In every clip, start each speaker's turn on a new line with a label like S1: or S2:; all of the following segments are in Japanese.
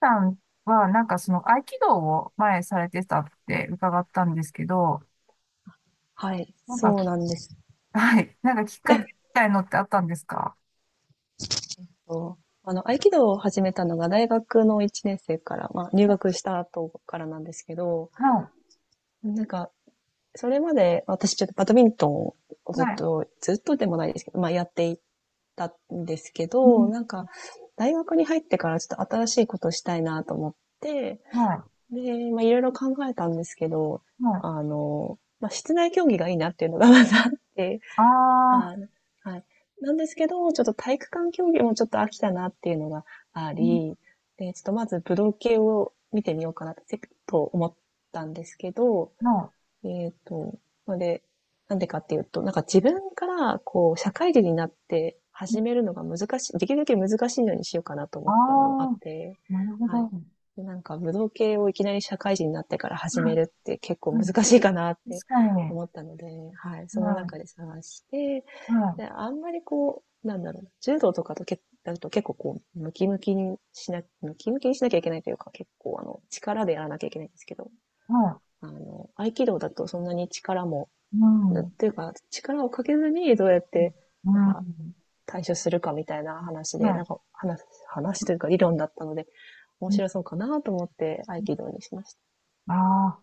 S1: さんは、なんかその合気道を前されてたって伺ったんですけど、
S2: はい、
S1: なんか
S2: そう
S1: き、
S2: なんです
S1: はい、なんかきっかけみたいのってあったんですか？
S2: よ。あの、合気道を始めたのが大学の1年生から、まあ、入学した後からなんですけど、
S1: は
S2: なんか、それまで私ちょっとバドミントンを
S1: い、
S2: ずっ
S1: はい、
S2: と、ずっとでもないですけど、まあ、やっていたんですけ
S1: う
S2: ど、
S1: ん、
S2: なんか、大学に入ってからちょっと新しいことをしたいなと思って、
S1: はい、
S2: で、まあ、いろいろ考えたんですけど、
S1: はい。
S2: あの、まあ、室内競技がいいなっていうのがまずあって、
S1: あ
S2: あ
S1: あ、
S2: ー、はい。なんですけど、ちょっと体育館競技もちょっと飽きたなっていうのがあ
S1: うん、
S2: り、で、ちょっとまず武道系を見てみようかなと思ったんですけど、
S1: は
S2: えっと、ので、なんでかっていうと、なんか自分からこう、社会人になって
S1: い、
S2: 始めるのが難しい、できるだけ難しいのにしようかなと
S1: あ
S2: 思ったのもあって、
S1: あ、なるほど。
S2: はい。
S1: うん
S2: で、なんか武道系をいきなり社会人になってから始めるって結構
S1: うん、
S2: 難しいかなって
S1: 確かに。
S2: 思ったので、はい。その
S1: はい、
S2: 中で探して、
S1: はい、
S2: で、あんまりこう、なんだろうな、柔道とかとけだと結構こう、ムキムキにしなきゃいけないというか、結構あの、力でやらなきゃいけないんですけど、
S1: は
S2: あの、合気道だとそんなに力も、
S1: い、うん、うん、
S2: というか、力をかけずにどうやって、
S1: う
S2: なんか、
S1: ん、
S2: 対処するかみたいな話で、
S1: は
S2: なん
S1: い。
S2: か、話というか理論だったので、面白そうかなと思って合気道にしまし
S1: ああ、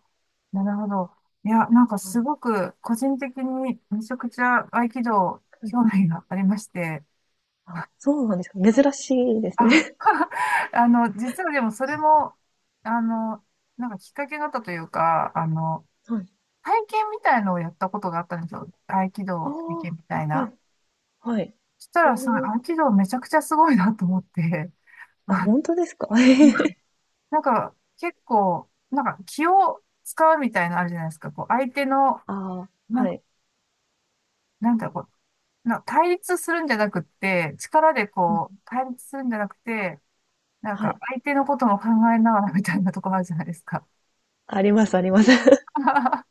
S1: なるほど。いや、なんか
S2: た。はい。
S1: す
S2: は
S1: ごく個人的にめちゃくちゃ合気道興
S2: い。
S1: 味がありまして、
S2: あ、そうなんですか。
S1: あ
S2: 珍しいです
S1: あ
S2: ね。
S1: あの、実はでもそれも、あの、なんかきっかけがあったというか、あの、
S2: はい。
S1: 体験みたいのをやったことがあったんですよ。合気
S2: あ
S1: 道体験
S2: あ、
S1: みたい
S2: は
S1: な。
S2: い、はい。
S1: そした
S2: え
S1: ら、そ
S2: ー、
S1: の合気道めちゃくちゃすごいなと思って、
S2: あ、
S1: あ、
S2: 本当ですか。
S1: なんか結構、なんか気を使うみたいなのあるじゃないですか。こう相手の、
S2: ああ、
S1: なん
S2: は
S1: か、
S2: い。
S1: なんだろう、対立するんじゃなくって、力で
S2: う
S1: こ
S2: ん。
S1: う、対立するんじゃなくて、なん
S2: は
S1: か
S2: い。
S1: 相手のことも考えながらみたいなとこあるじゃないですか。
S2: あります、あります。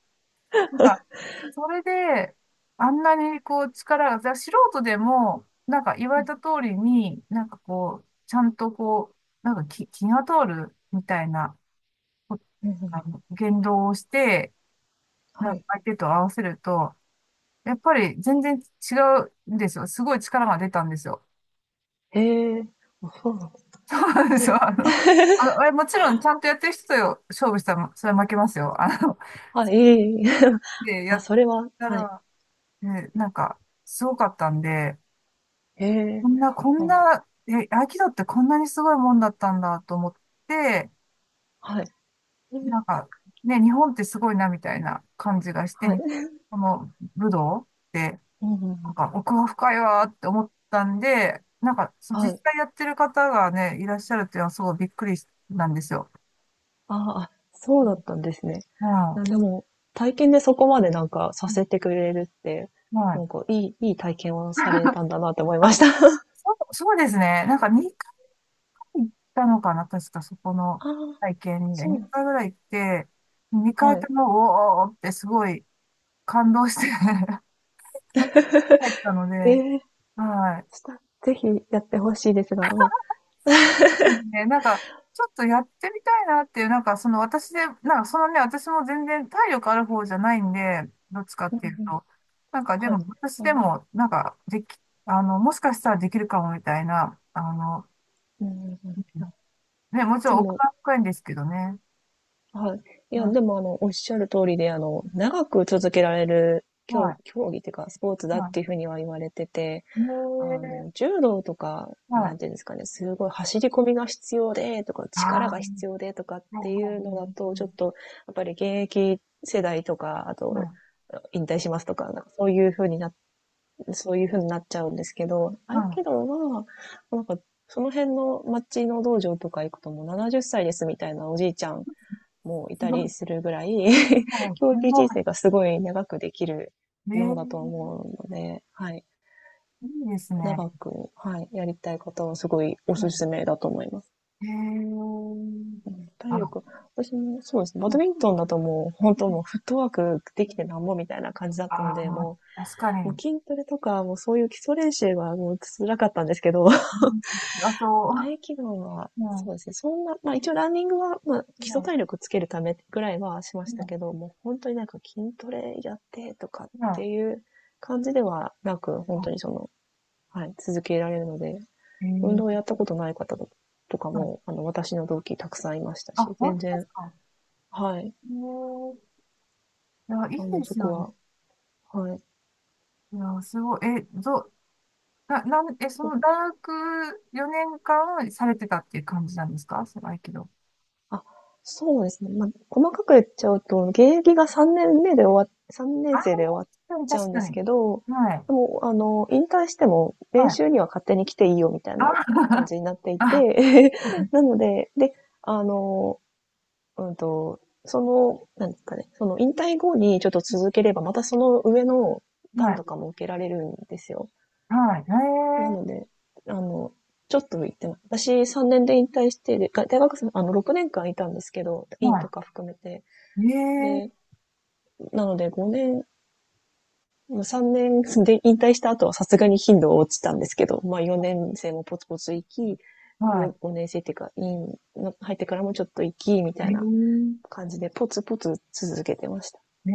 S1: なんか、それで、あんなにこう力が、じゃあ素人でも、なんか言われた通りに、なんかこう、ちゃんとこう、なんか気、気が通るみたいな、こ
S2: うんうん。
S1: あの、言動をして、な
S2: は
S1: んか
S2: い。
S1: 相手と合わせると、やっぱり全然違うんですよ。すごい力が出たんですよ。
S2: へえ、そうなんです。
S1: そうなんです
S2: え、
S1: よ。あの、あの、あれもちろんちゃんとやってる人と勝負したら、それは負けますよ。あの、
S2: はい、ええええ。
S1: で、や
S2: ま、
S1: っ
S2: それは
S1: た
S2: はい。
S1: ら、ね、なんか、すごかったんで、
S2: へ
S1: こ
S2: え、
S1: んな、こん
S2: あ、
S1: な、え、合気道ってこんなにすごいもんだったんだと思って、
S2: はい。う
S1: な
S2: ん、
S1: んか、ね、日本ってすごいなみたいな感じがして、
S2: はい。
S1: この武道って、
S2: うんうんう
S1: なん
S2: ん。
S1: か奥が深いわーって思ったんで、なんか、その実
S2: はい。
S1: 際やってる方がね、いらっしゃるっていうのはすごいびっくりなんですよ。
S2: ああ、あ、そうだったんですね。
S1: うん。
S2: でも、体験でそこまでなんかさせてくれるって、
S1: は
S2: な
S1: い。
S2: んかいい体験をされたんだなって思い
S1: あ、
S2: ました。
S1: そう、そうですね。なんか2回行ったのかな、確かそこの
S2: ああ、
S1: 体験に。
S2: そうなんで
S1: 2回
S2: す。
S1: ぐらい行って、2
S2: は
S1: 回
S2: い。
S1: とも、おーおーってすごい感動して 帰ったので、
S2: ええ、
S1: はい。
S2: ぜひやって欲しいですが、ま、
S1: ですね。なんか、ちょっとやってみたいなっていう、なんかその私で、なんかそのね、私も全然体力ある方じゃないんで、どっちかっ
S2: うん
S1: ていう
S2: うん。
S1: と。なんかで
S2: はい。
S1: も、私
S2: あ
S1: で
S2: の、
S1: も、なんか、でき、あの、もしかしたらできるかもみたいな、あの、
S2: うんうんうん。あ、
S1: ね、もち
S2: で
S1: ろん奥
S2: も、
S1: が深いんですけどね。
S2: はい。い
S1: う
S2: や、
S1: ん。
S2: でも、あの、おっしゃる通りで、あの、長く続けられる
S1: は
S2: 競
S1: い。
S2: 競技っていうか、スポーツだっ
S1: は
S2: ていうふうには言われてて、
S1: い。
S2: あ
S1: ね
S2: の、
S1: え。
S2: 柔道とか、
S1: は
S2: な
S1: い。
S2: んていうんですかね、すごい走り込みが必要で、とか、力
S1: あ
S2: が必要で、とかっ
S1: あ。
S2: ていうのだ
S1: は
S2: と、ちょっと、やっぱり現役世代とか、あ
S1: い。はい。
S2: と、
S1: はい。
S2: 引退しますとか、なんかそういうふうにな、そういうふうになっちゃうんですけど、
S1: はい。
S2: 合
S1: はい、はい、
S2: 気道は、なんか、その辺の町の道場とか行くともう70歳ですみたいなおじいちゃんもい
S1: す
S2: た
S1: ご
S2: り
S1: い。
S2: するぐらい
S1: は い。
S2: 教
S1: す
S2: 育
S1: ごい。
S2: 人生がすごい長くできる
S1: ね
S2: ものだと思
S1: え。
S2: うので、はい。
S1: いいですね。
S2: 長く、はい、やりたい方はすごいお
S1: う
S2: す
S1: ん。
S2: すめだと思います。
S1: へえ。
S2: うん、体
S1: あの、
S2: 力、私もそうですね。
S1: う
S2: バ
S1: ん
S2: ドミントンだともう、本当
S1: うん、
S2: もうフットワークできてなんぼみたいな感じだったので、
S1: あー、確か
S2: も
S1: に。
S2: う筋トレとか、もうそういう基礎練習はもう辛かったんですけど、
S1: うん、あ、そ
S2: 合気道は、
S1: う。う
S2: そ
S1: ん。
S2: うですね。そんな、まあ一応ランニングは、まあ基
S1: う
S2: 礎
S1: ん。
S2: 体力つけるためぐらいはしま
S1: う
S2: した
S1: ん。
S2: けど、もう本当になんか筋トレやってとかっ
S1: う
S2: て
S1: ん、
S2: いう感じではなく、本
S1: あ、
S2: 当にその、はい、続けられるので、
S1: へ
S2: 運
S1: え。
S2: 動をやったことない方とか
S1: は
S2: も、
S1: い。
S2: あの、私の同期たくさんいました
S1: あ、
S2: し、
S1: 本
S2: 全
S1: 当で
S2: 然、
S1: すか。
S2: はい、
S1: へえ。いや、い
S2: あ
S1: い
S2: の、
S1: で
S2: そ
S1: す
S2: こ
S1: よね。
S2: は、はい、
S1: いや、すごい。え、ど、な、なん、え、その大学4年間されてたっていう感じなんですかその合気道？
S2: あ、そうですね。まあ、細かく言っちゃうと、現役が3年目で、3
S1: あ
S2: 年
S1: あ、確
S2: 生で終わっ
S1: かに
S2: ちゃう
S1: 確
S2: ん
S1: か
S2: です
S1: に。
S2: けど、
S1: はい。
S2: でも、あの、引退しても
S1: は
S2: 練
S1: い。
S2: 習には勝手に来ていいよみたいな感
S1: あ
S2: じになってい
S1: あ、
S2: て、なので、で、あの、うんと、その、なんですかね、その引退後にちょっと続ければ、またその上の
S1: は
S2: 段と
S1: い。
S2: かも受けられるんですよ。
S1: はい。
S2: な
S1: へ
S2: の
S1: え。
S2: で、あの、ちょっと行ってます。私3年で引退して、でが大学生、あの、6年間いたんですけど、院と
S1: は
S2: か含めて。
S1: い。へ
S2: で、
S1: え。
S2: なので5年、3年で引退した後はさすがに頻度は落ちたんですけど、まあ4年生もポツポツ行き、
S1: は
S2: 5年生っていうか、院の入ってからもちょっと行き、みた
S1: い。へ
S2: いな
S1: え。
S2: 感じで、ポツポツ続けてました。
S1: へえ。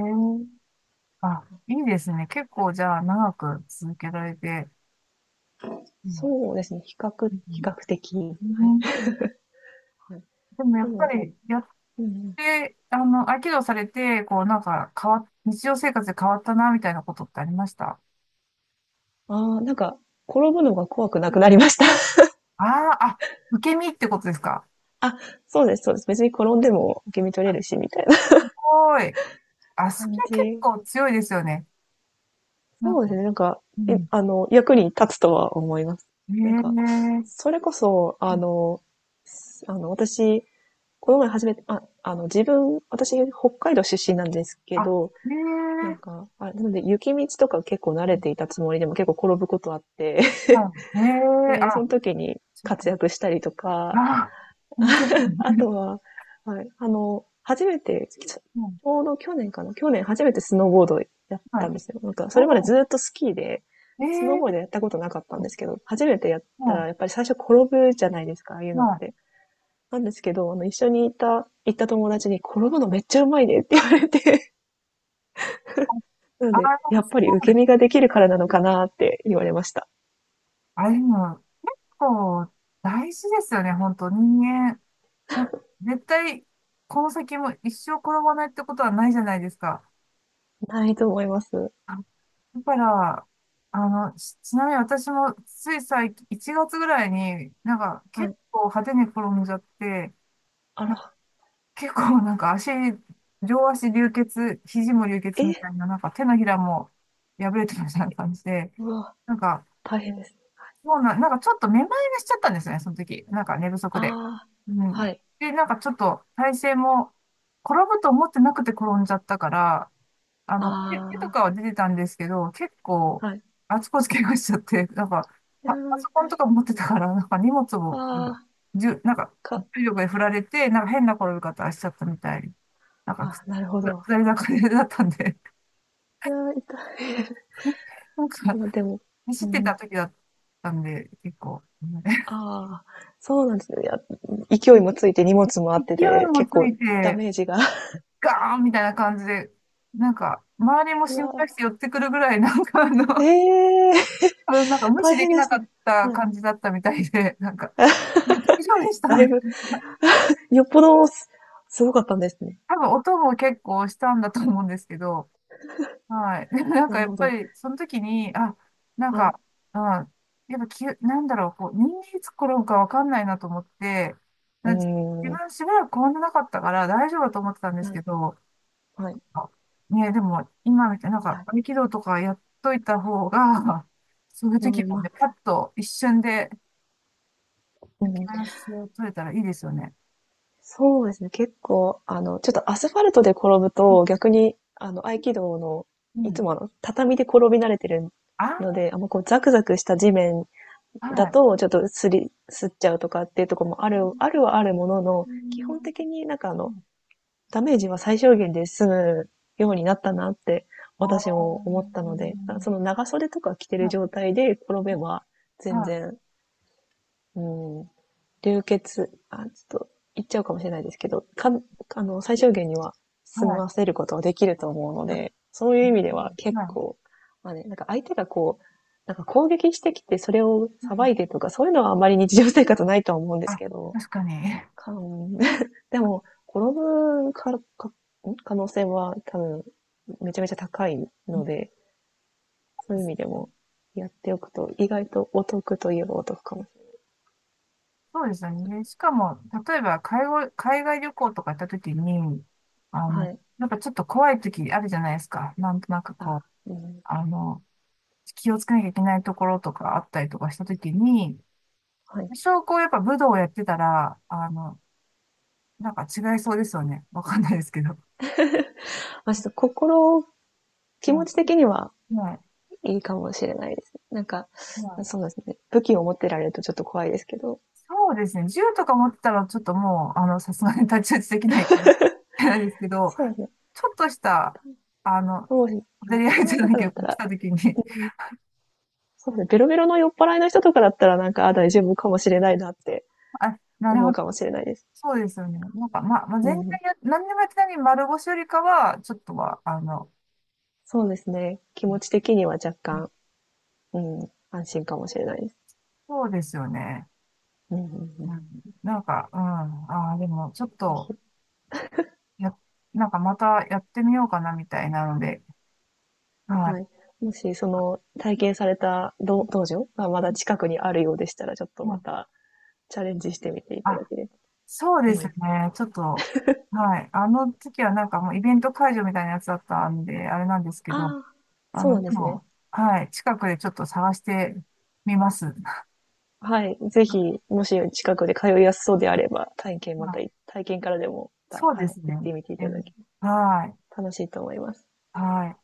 S1: あ、いいですね。結構じゃあ長く続けられて。うん。
S2: そうですね、比較的。
S1: う
S2: はい。
S1: ん。
S2: はい、
S1: でもや
S2: で
S1: っぱ
S2: も、
S1: りやっ
S2: うんうん、
S1: て、あの、合気道されて、こうなんか変わっ、日常生活で変わったなみたいなことってありました？
S2: ああ、なんか、転ぶのが怖くなくなりました。
S1: ああ、あ、受け身ってことですか？
S2: あ、そうですそうです。別に転んでも受け身取れる
S1: す
S2: し、みたいな
S1: ごい。あ、それ
S2: 感
S1: 結
S2: じ。
S1: 構強いですよね。なん
S2: そ
S1: か、
S2: うですね。なんか、
S1: う
S2: い
S1: ん。
S2: あの、役に立つとは思います。なんか、
S1: ええ、
S2: それこそ、あの、あの、私、この前初めて、あ、あの、自分、私、北海道出身なんですけど、なん
S1: あ、ええ、
S2: か、あ、なので、雪道とか結構慣れていたつもりでも結構転ぶことあって、
S1: うん、 ええ、
S2: で、そ
S1: あ、
S2: の時に
S1: そうか。
S2: 活躍したりとか、
S1: あ、本当だ
S2: あ
S1: ね。
S2: とは、はい、あの、初めて、ち
S1: うん、
S2: ょうど去年かな、去年初めてスノーボードやっ
S1: は
S2: た
S1: い。
S2: んですよ。なんか、それまで
S1: おー、
S2: ずっとスキーで、スノーボードや
S1: ええ、
S2: ったことなかったんですけど、初めてやった
S1: は
S2: ら、やっぱり最初転ぶじゃないですか、ああいう
S1: い、
S2: のっ
S1: は
S2: て。
S1: い。
S2: なんですけど、あの、一緒にいた、行った友達に、転ぶのめっちゃうまいねって言われて、なの
S1: あ、
S2: で、
S1: あ、
S2: やっぱり
S1: そ
S2: 受
S1: う
S2: け
S1: ね。
S2: 身ができるからなのかなって言われました。
S1: あ、でも、結構大事ですよね、本当人間。なんか絶対、この先も一生転ばないってことはないじゃないですか。
S2: ないと思います。
S1: あ、だから、あの、ちちなみに私もつい最近、1月ぐらいに、なんか
S2: は
S1: 結
S2: い。
S1: 構派手に転んじゃって、
S2: あ
S1: な
S2: ら、
S1: 結構 なんか足、両足流血、肘も流血
S2: え、
S1: みたいな、なんか手のひらも破れてるみたいな感じで、
S2: うわ、
S1: なんか、
S2: 大変です。
S1: もうなんかちょっとめまいがしちゃったんですね、その時。なんか寝不足で。
S2: あー、
S1: う
S2: は
S1: ん。
S2: い。
S1: で、なんかちょっと体勢も、転ぶと思ってなくて転んじゃったから、あの、手、手と
S2: あ
S1: かは出てたんですけど、結構、
S2: あ、はい。
S1: あちこち怪我しちゃって、なんか、
S2: ピア
S1: パソコン
S2: 痛
S1: と
S2: い。
S1: か持ってたから、なんか荷物
S2: あ
S1: を、
S2: ー、
S1: なんか、
S2: か、
S1: 重力で振られて、なんか変な転び方しちゃったみたい。なんか、
S2: あ、なるほど。
S1: 下り坂でだったんで、
S2: いや、痛い。
S1: なん か、
S2: まあでも、う
S1: 走ってた
S2: ん、
S1: 時だったんで、結構、ね
S2: ああ、そうなんですね。いや、勢い もついて荷物もあ
S1: 勢
S2: って
S1: い
S2: で、
S1: も
S2: 結
S1: つ
S2: 構
S1: い
S2: ダ
S1: て、
S2: メージが。
S1: ガーンみたいな感じで、なんか、周りも
S2: う
S1: 心配し
S2: わ
S1: て寄ってくるぐらい、なんかあの、
S2: ー、ええー、
S1: それなんか無
S2: 大
S1: 視で
S2: 変
S1: き
S2: で
S1: な
S2: した
S1: か
S2: ね。
S1: った
S2: はい。
S1: 感じだったみたいで、なんか、大丈夫でした
S2: だ
S1: み
S2: いぶ、
S1: たいな。
S2: よっぽどすごかったんですね。
S1: 多分音も結構したんだと思うんですけど、はい。でもなん
S2: な
S1: か
S2: る
S1: やっ
S2: ほ
S1: ぱ
S2: ど。
S1: りその時に、あ、なん
S2: はい。
S1: か、うん、やっぱきゅ、なんだろう、こう、人間いつ転ぶかわかんないなと思って、
S2: う
S1: なんか
S2: ー
S1: 自
S2: ん。
S1: 分しばらく転んでなかったから大丈夫だと思ってたんです
S2: は
S1: け
S2: い。
S1: ど、
S2: はい。い
S1: あ、ね、でも今みたいな、なんか
S2: や、
S1: 合気道とかやっといた方が、そういう
S2: う
S1: 時
S2: ん、
S1: も
S2: まあ、
S1: ね、パッと一瞬で
S2: う
S1: 焼き
S2: ん、
S1: ハラス取れたらいいですよね。
S2: そうですね、結構、あの、ちょっとアスファルトで転ぶ
S1: うん、
S2: と、逆に、あの、合気道の、
S1: う
S2: い
S1: ん、
S2: つもあの、畳で転び慣れてるの
S1: あ
S2: で、あんまこう、ザクザクした地面
S1: あ、
S2: だ
S1: はい。
S2: と、ちょっとすっちゃうとかっていうところもある、あるはあるものの、
S1: う
S2: 基本的
S1: ん、
S2: になんかあの、ダメージは最小限で済むようになったなって、
S1: ああ、
S2: 私も思ったので、
S1: は
S2: その長袖とか着てる状態で転
S1: い、
S2: べば、全
S1: は
S2: 然、うん、流血、あ、ちょっと言っちゃうかもしれないですけど、あの、最小限には
S1: い、
S2: 済
S1: は
S2: ま
S1: い、
S2: せることはできると思うので、そういう
S1: う
S2: 意味では
S1: ん、
S2: 結
S1: はい。
S2: 構、まあね、なんか相手がこう、なんか攻撃してきてそれを
S1: う
S2: さば
S1: ん、
S2: いてとか、そういうのはあんまり日常生活ないとは思うんです
S1: あ、
S2: けど、
S1: 確かに。
S2: かん でも、転ぶ可能性は多分、めちゃめちゃ高い
S1: う
S2: の
S1: ん、
S2: で、そういう意味でもやっておくと、意外とお得といえばお得かもしれ
S1: そうですよね。しかも、例えば、海外旅行とか行った時に、あ
S2: ない。
S1: の、
S2: はい。
S1: やっぱちょっと怖い時あるじゃないですか。なんとなく
S2: あ、
S1: こう、
S2: うん。
S1: あの、気をつけなきゃいけないところとかあったりとかした時に、
S2: はい。
S1: 証拠をやっぱ武道をやってたら、あの、なんか違いそうですよね。わかんないですけど。
S2: まあ、ちょっと心、気持
S1: は
S2: ち的には
S1: い。はい。
S2: いいかもしれないですね。なんか、
S1: はい。
S2: そうですね。武器を持ってられるとちょっと怖いですけど、
S1: そうですね。銃とか持ってたらちょっともう、あの、さすがに太刀打ちできない なんですけど、
S2: そうですね。
S1: ちょっとした、あの、
S2: そうですね。
S1: 小
S2: 酔
S1: 競
S2: っ
S1: り合いじ
S2: 払い
S1: ゃ
S2: と
S1: ない
S2: かだ
S1: け
S2: った
S1: ど、来
S2: ら、
S1: た時
S2: う
S1: に
S2: ん、そうですね。ベロベロの酔っ払いの人とかだったら、なんか、あ、大丈夫かもしれないなって
S1: あ、なる
S2: 思
S1: ほ
S2: う
S1: ど。
S2: かもしれないです。
S1: そうですよね。なんか、ま、まあ、
S2: う
S1: 全
S2: ん。
S1: 体や、何でもやってないに丸腰よりかは、ちょっとは、あの、
S2: そうですね。気持ち的には若干、うん、安心かもしれないです。
S1: そうですよね。
S2: うんうんう
S1: う
S2: ん。
S1: ん、なんか、うん。ああ、でも、ちょっ
S2: ぜ
S1: と、
S2: ひ、
S1: や、なんかまたやってみようかな、みたいなので、
S2: は
S1: は
S2: い。もし、その、体験された道場がまだ
S1: い。
S2: 近くにあるようでしたら、ちょっと
S1: う
S2: ま
S1: ん、
S2: たチャレンジしてみていただ
S1: あ、
S2: ければ。
S1: そうで
S2: 思
S1: す
S2: います。
S1: ね。ちょっと、はい。あの時はなんかもうイベント会場みたいなやつだったんで、あれなんですけど、
S2: ああ、
S1: あ
S2: そうな
S1: の、
S2: ん
S1: で
S2: ですね。
S1: も、はい。近くでちょっと探してみます。
S2: はい。ぜひ、もし近くで通いやすそうであれば、体験ま
S1: ま
S2: た
S1: あ、
S2: 体験からでもまた、
S1: そうで
S2: はい、
S1: すね。
S2: 行ってみてい
S1: え、
S2: ただけれ
S1: はい。
S2: ば楽しいと思います。
S1: はい。